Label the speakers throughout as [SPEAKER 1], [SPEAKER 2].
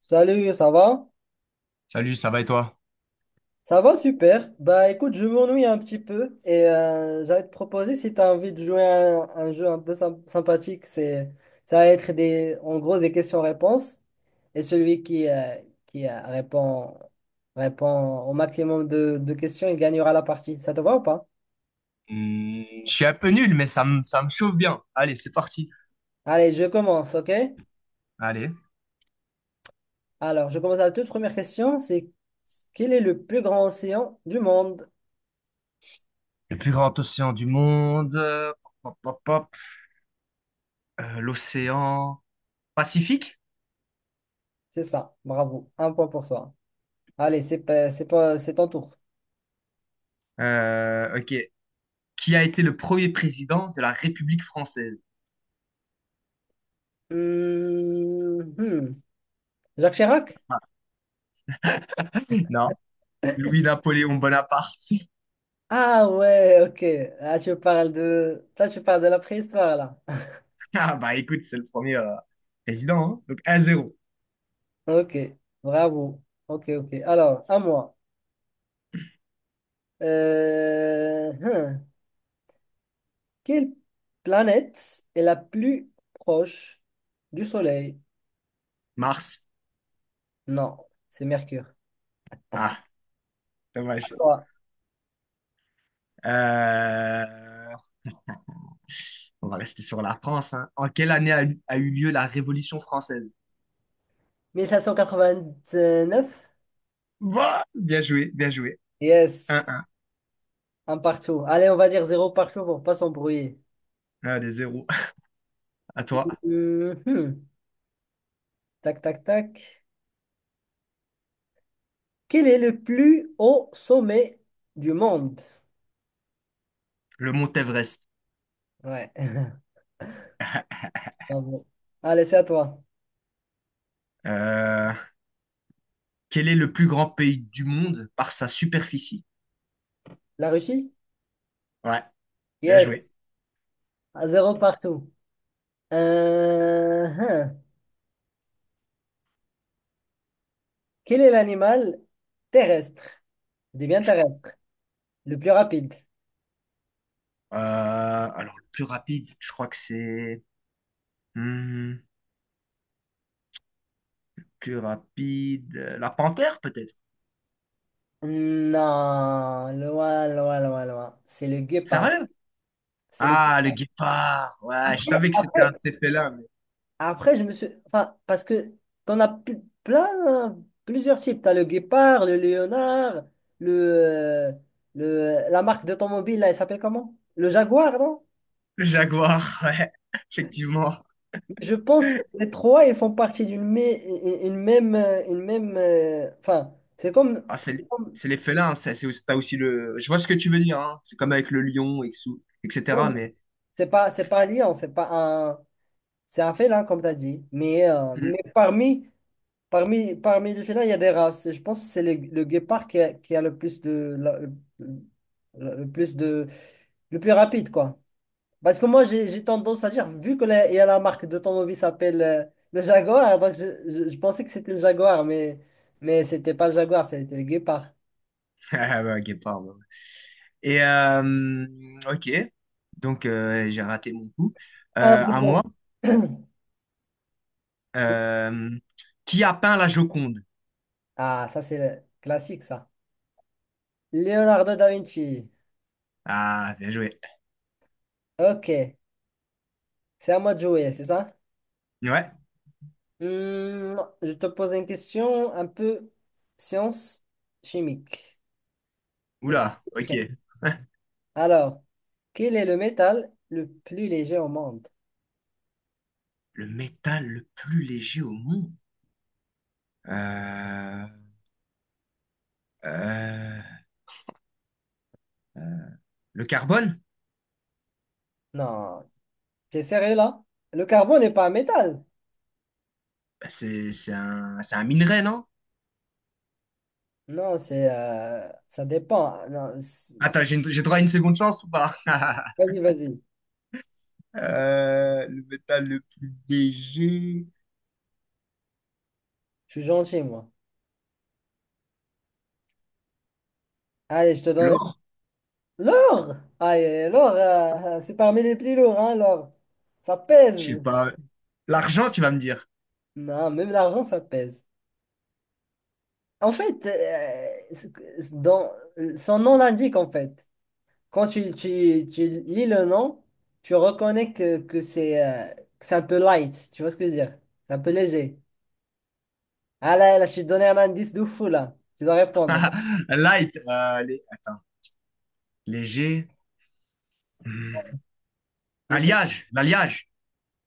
[SPEAKER 1] Salut, ça va?
[SPEAKER 2] Salut, ça va et toi?
[SPEAKER 1] Ça va super. Bah écoute, je m'ennuie un petit peu et j'allais te proposer si tu as envie de jouer à un jeu un peu sympathique. C'est ça va être des en gros des questions-réponses, et celui qui répond au maximum de questions, il gagnera la partie. Ça te va ou pas?
[SPEAKER 2] Hmm, je suis un peu nul, mais ça me chauffe bien. Allez, c'est parti.
[SPEAKER 1] Allez, je commence, OK?
[SPEAKER 2] Allez.
[SPEAKER 1] Alors, je commence la toute première question: c'est quel est le plus grand océan du monde?
[SPEAKER 2] Le plus grand océan du monde. Pop, pop, pop. L'océan Pacifique?
[SPEAKER 1] C'est ça. Bravo. Un point pour toi. Allez, c'est pas- c'est pas c'est ton tour.
[SPEAKER 2] Ok. Qui a été le premier président de la République française?
[SPEAKER 1] Hmm, hmm. Jacques Chirac?
[SPEAKER 2] Non, Louis-Napoléon Bonaparte.
[SPEAKER 1] Ah ouais, ok. Toi, tu parles de la préhistoire, là.
[SPEAKER 2] Ah bah écoute, c'est le premier président, hein. Donc 1-0.
[SPEAKER 1] Ok, bravo. Ok, ok. Alors, à moi. Euh, hmm. Quelle planète est la plus proche du Soleil?
[SPEAKER 2] Mars.
[SPEAKER 1] Non, c'est Mercure.
[SPEAKER 2] Ah, dommage.
[SPEAKER 1] Quoi?
[SPEAKER 2] Euh, On va rester sur la France, hein. En quelle année a eu lieu la Révolution française?
[SPEAKER 1] Neuf.
[SPEAKER 2] Bah, bien joué, bien joué. Un,
[SPEAKER 1] Yes,
[SPEAKER 2] 1.
[SPEAKER 1] un partout. Allez, on va dire zéro partout pour pas s'embrouiller.
[SPEAKER 2] Allez, 0. À toi.
[SPEAKER 1] Mhm. Tac, tac, tac. Quel est le plus haut sommet du monde?
[SPEAKER 2] Le mont Everest.
[SPEAKER 1] Ouais. Bravo. Allez, c'est à toi.
[SPEAKER 2] Euh, quel est le plus grand pays du monde par sa superficie?
[SPEAKER 1] La Russie?
[SPEAKER 2] Ouais, bien
[SPEAKER 1] Yes.
[SPEAKER 2] joué.
[SPEAKER 1] À zéro partout. Hein. Quel est l'animal terrestre? Je dis bien terrestre. Le plus rapide?
[SPEAKER 2] Alors, le plus rapide, je crois que c'est... hmm, plus rapide... la panthère, peut-être?
[SPEAKER 1] Non, loin, loin, loin, loin. C'est le guépard.
[SPEAKER 2] Sérieux?
[SPEAKER 1] C'est le
[SPEAKER 2] Ah, le
[SPEAKER 1] guépard.
[SPEAKER 2] guépard. Ouais, je savais que c'était un
[SPEAKER 1] Après,
[SPEAKER 2] de ces félins, mais...
[SPEAKER 1] Après, je me suis. Enfin, parce que t'en as plein, hein, plusieurs types. T'as le guépard, le léonard, le, euh, la marque d'automobile, là, elle s'appelle comment? Le Jaguar, non?
[SPEAKER 2] Le jaguar, ouais, effectivement.
[SPEAKER 1] Je pense que les trois, ils font partie d'une même. Une même enfin, c'est comme.
[SPEAKER 2] Ah, c'est
[SPEAKER 1] C'est comme-
[SPEAKER 2] c'est les félins, c'est aussi, t'as aussi le. Je vois ce que tu veux dire, hein. C'est comme avec le lion, et que
[SPEAKER 1] ouais,
[SPEAKER 2] etc. Mais.
[SPEAKER 1] c'est pas un lion, c'est pas un. C'est un félin, comme t'as dit. Mais, euh,
[SPEAKER 2] Hmm.
[SPEAKER 1] mais parmi les félins, il y a des races. Et je pense que c'est le guépard qui a le plus de, le plus rapide, quoi. Parce que moi, j'ai tendance à dire, vu que il y a la marque d'automobile s'appelle le Jaguar, donc je pensais que c'était le Jaguar, mais c'était pas le Jaguar, c'était le guépard.
[SPEAKER 2] Ah, bah, guépard, ouais. Et, ok. Donc, j'ai raté mon coup.
[SPEAKER 1] Ah, c'est
[SPEAKER 2] À
[SPEAKER 1] bon.
[SPEAKER 2] moi. Euh, qui a peint la Joconde?
[SPEAKER 1] Ah, ça, c'est classique, ça. Leonardo da Vinci.
[SPEAKER 2] Ah, bien joué.
[SPEAKER 1] Ok, c'est à moi de jouer, c'est ça?
[SPEAKER 2] Ouais.
[SPEAKER 1] Hmm, je te pose une question un peu science chimique. Est-ce que
[SPEAKER 2] Oula,
[SPEAKER 1] tu es
[SPEAKER 2] ok.
[SPEAKER 1] prêt? Alors, quel est le métal le plus léger au monde?
[SPEAKER 2] Le métal le plus léger au monde. Euh, euh, euh, le carbone?
[SPEAKER 1] Non, t'es sérieux là? Le carbone n'est pas un métal.
[SPEAKER 2] Bah, c'est un minerai, non?
[SPEAKER 1] Non, c'est ça dépend. Non,
[SPEAKER 2] Attends, j'ai droit à une seconde chance ou pas?
[SPEAKER 1] vas-y, vas-y.
[SPEAKER 2] Le métal le plus léger.
[SPEAKER 1] Je suis gentil, moi. Allez, je te donne.
[SPEAKER 2] L'or?
[SPEAKER 1] L'or! Aïe, l'or, c'est parmi les plus lourds, hein, l'or. Ça
[SPEAKER 2] Je sais
[SPEAKER 1] pèse.
[SPEAKER 2] pas. L'argent, tu vas me dire.
[SPEAKER 1] Non, même l'argent, ça pèse. En fait, dans, son nom l'indique, en fait. Quand tu lis le nom, tu reconnais que c'est un peu light. Tu vois ce que je veux dire? C'est un peu léger. Ah là, là, je t'ai donné un indice de fou là. Tu dois répondre.
[SPEAKER 2] Light. Attends. Léger. Hmm.
[SPEAKER 1] Le temps.
[SPEAKER 2] Alliage. L'alliage.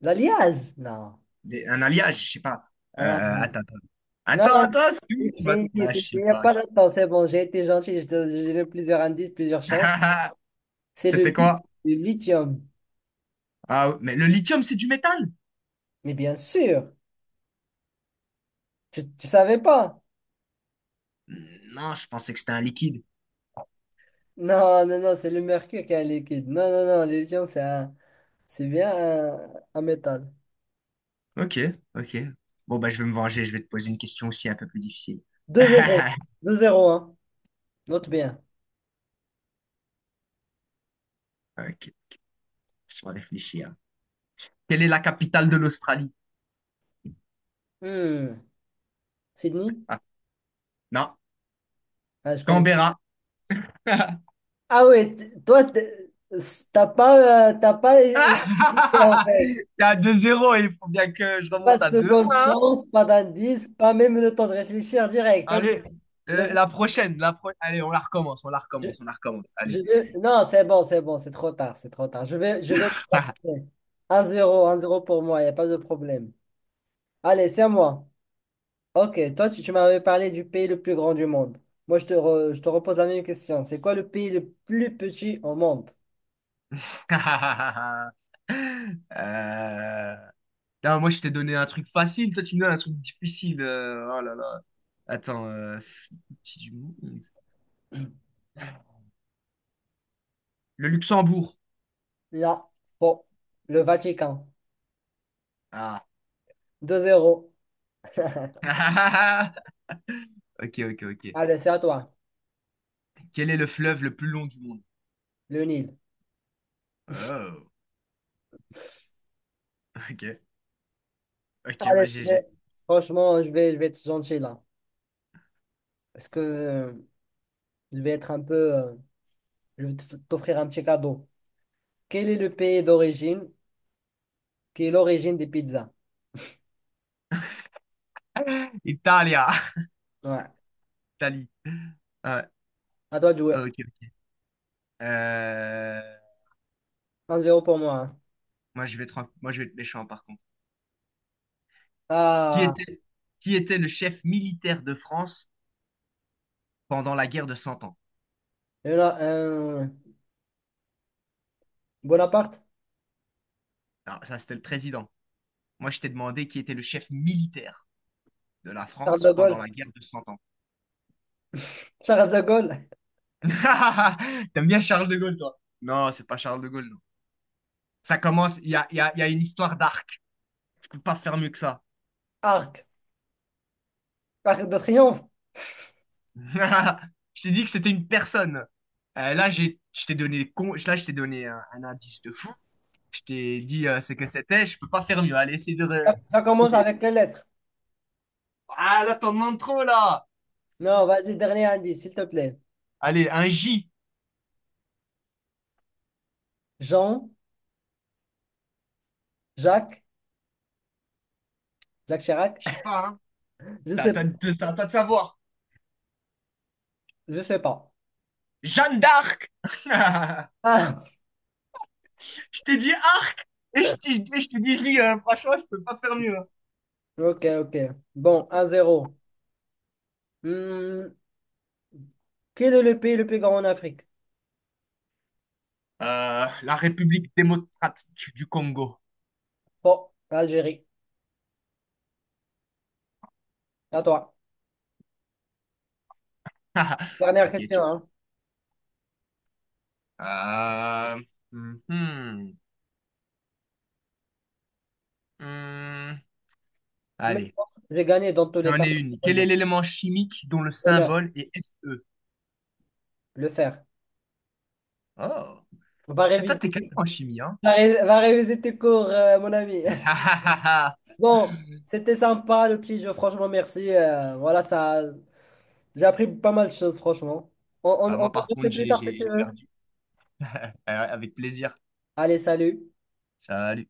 [SPEAKER 1] L'alliage? Non.
[SPEAKER 2] Un alliage, je sais pas. Euh,
[SPEAKER 1] Ah,
[SPEAKER 2] attends, attends.
[SPEAKER 1] non,
[SPEAKER 2] Attends, c'est
[SPEAKER 1] c'est
[SPEAKER 2] où tu vas...
[SPEAKER 1] fini.
[SPEAKER 2] Ah, je sais
[SPEAKER 1] Il n'y a
[SPEAKER 2] pas.
[SPEAKER 1] pas de temps. C'est bon, j'ai été gentil. J'ai donné plusieurs indices, plusieurs chances. C'est
[SPEAKER 2] C'était quoi?
[SPEAKER 1] le lithium.
[SPEAKER 2] Ah, mais le lithium, c'est du métal?
[SPEAKER 1] Mais bien sûr, tu ne savais pas.
[SPEAKER 2] Hmm, non, je pensais que c'était un liquide.
[SPEAKER 1] Non, non, non, c'est le mercure qui est un liquide. Non, non, non, le lithium, c'est bien un métal.
[SPEAKER 2] Ok, ok. Bon, bah, je vais me venger. Je vais te poser une question aussi un peu plus difficile.
[SPEAKER 1] deux zéro deux zéro hein. Note bien.
[SPEAKER 2] Ok, laisse-moi réfléchir. Quelle est la capitale de l'Australie?
[SPEAKER 1] Hmm. Sydney?
[SPEAKER 2] Ah, non,
[SPEAKER 1] Ah, je connais.
[SPEAKER 2] Canberra.
[SPEAKER 1] Ah ouais, toi, t'as pas hésité en fait.
[SPEAKER 2] T'es à 2-0, il faut bien que je remonte
[SPEAKER 1] Pas de
[SPEAKER 2] à 2.
[SPEAKER 1] seconde chance, pas d'indice, pas même le temps de réfléchir direct. Ok.
[SPEAKER 2] Allez,
[SPEAKER 1] Je,
[SPEAKER 2] la prochaine, la pro- Allez, on la recommence, on la
[SPEAKER 1] je-
[SPEAKER 2] recommence, on la recommence. Allez.
[SPEAKER 1] Non, c'est bon, c'est bon, c'est trop tard, c'est trop tard. Je vais, je vais. 1-0, 1-0 pour moi, il n'y a pas de problème. Allez, c'est à moi. Ok, toi, tu m'avais parlé du pays le plus grand du monde. Moi, je te repose la même question. C'est quoi le pays le plus petit au monde?
[SPEAKER 2] Euh, non, moi, je t'ai donné un truc facile, toi, tu me donnes un truc difficile. Oh là là. Attends, petit du monde. Le Luxembourg.
[SPEAKER 1] Là, bon, le Vatican.
[SPEAKER 2] Ah.
[SPEAKER 1] 2 zéro.
[SPEAKER 2] Ok, ok, ok.
[SPEAKER 1] Allez, c'est à toi.
[SPEAKER 2] Quel est le fleuve le plus long du monde?
[SPEAKER 1] Le Nil.
[SPEAKER 2] Oh. Ok, ok,
[SPEAKER 1] Allez,
[SPEAKER 2] bah GG.
[SPEAKER 1] franchement, je vais être gentil là. Parce que je vais être un peu. Je vais t'offrir un petit cadeau. Quel est le pays d'origine qui est l'origine des pizzas?
[SPEAKER 2] Italia,
[SPEAKER 1] Ouais.
[SPEAKER 2] Italie. Ah ouais,
[SPEAKER 1] À toi de jouer.
[SPEAKER 2] ah, ok. Ok. Euh,
[SPEAKER 1] 1 zéro pour moi, hein.
[SPEAKER 2] moi, je vais être méchant, par contre. Qui
[SPEAKER 1] Ah,
[SPEAKER 2] était, qui était le chef militaire de France pendant la guerre de Cent Ans?
[SPEAKER 1] il y en a un. Bonaparte?
[SPEAKER 2] Alors, ça, c'était le président. Moi, je t'ai demandé qui était le chef militaire de la
[SPEAKER 1] Charles
[SPEAKER 2] France
[SPEAKER 1] de
[SPEAKER 2] pendant
[SPEAKER 1] Gaulle?
[SPEAKER 2] la guerre de Cent Ans.
[SPEAKER 1] Charles de Gaulle,
[SPEAKER 2] T'aimes bien Charles de Gaulle, toi? Non, c'est pas Charles de Gaulle, non. Ça commence, il y a une histoire d'arc. Tu peux pas faire mieux que ça.
[SPEAKER 1] arc, arc de triomphe.
[SPEAKER 2] Je t'ai dit que c'était une personne. Je t'ai donné, je t'ai donné un indice de fou. Je t'ai dit ce que c'était. Je peux pas faire mieux. Allez, essaye de
[SPEAKER 1] Ça commence
[SPEAKER 2] trouver.
[SPEAKER 1] avec quelle lettre?
[SPEAKER 2] Ah, là, t'en demandes trop, là.
[SPEAKER 1] Non, vas-y, dernier indice, s'il te plaît.
[SPEAKER 2] Allez, un J.
[SPEAKER 1] Jean, Jacques, Jacques Chirac.
[SPEAKER 2] Je sais pas, hein.
[SPEAKER 1] Je sais,
[SPEAKER 2] C'est à toi de savoir.
[SPEAKER 1] je sais pas.
[SPEAKER 2] Jeanne d'Arc.
[SPEAKER 1] Ah,
[SPEAKER 2] Je t'ai dit arc. Et je t'ai et je t'ai dit J, hein. Franchement, je peux pas faire mieux, hein.
[SPEAKER 1] ok, ok. Bon, 1-0. Hmm, quel est le pays le plus grand en Afrique?
[SPEAKER 2] La République démocratique du Congo.
[SPEAKER 1] Bon, Algérie. À toi. Dernière
[SPEAKER 2] Ok,
[SPEAKER 1] question,
[SPEAKER 2] tu.
[SPEAKER 1] hein.
[SPEAKER 2] Euh, mhm. Hum,
[SPEAKER 1] Mais
[SPEAKER 2] allez,
[SPEAKER 1] bon, j'ai gagné dans tous les
[SPEAKER 2] j'en
[SPEAKER 1] cas.
[SPEAKER 2] ai une. Quel est
[SPEAKER 1] Vas-y.
[SPEAKER 2] l'élément chimique dont le
[SPEAKER 1] Honneur,
[SPEAKER 2] symbole est Fe?
[SPEAKER 1] le faire.
[SPEAKER 2] Oh,
[SPEAKER 1] Va
[SPEAKER 2] ah, toi,
[SPEAKER 1] réviser,
[SPEAKER 2] t'es calé en chimie, hein?
[SPEAKER 1] va réviser tes cours, mon ami. Bon, c'était sympa le petit jeu, franchement, merci. Voilà, ça, j'ai appris pas mal de choses, franchement.
[SPEAKER 2] Ah,
[SPEAKER 1] On en
[SPEAKER 2] moi, par
[SPEAKER 1] refait
[SPEAKER 2] contre,
[SPEAKER 1] plus tard si tu
[SPEAKER 2] j'ai
[SPEAKER 1] veux.
[SPEAKER 2] perdu. Avec plaisir.
[SPEAKER 1] Allez, salut.
[SPEAKER 2] Salut.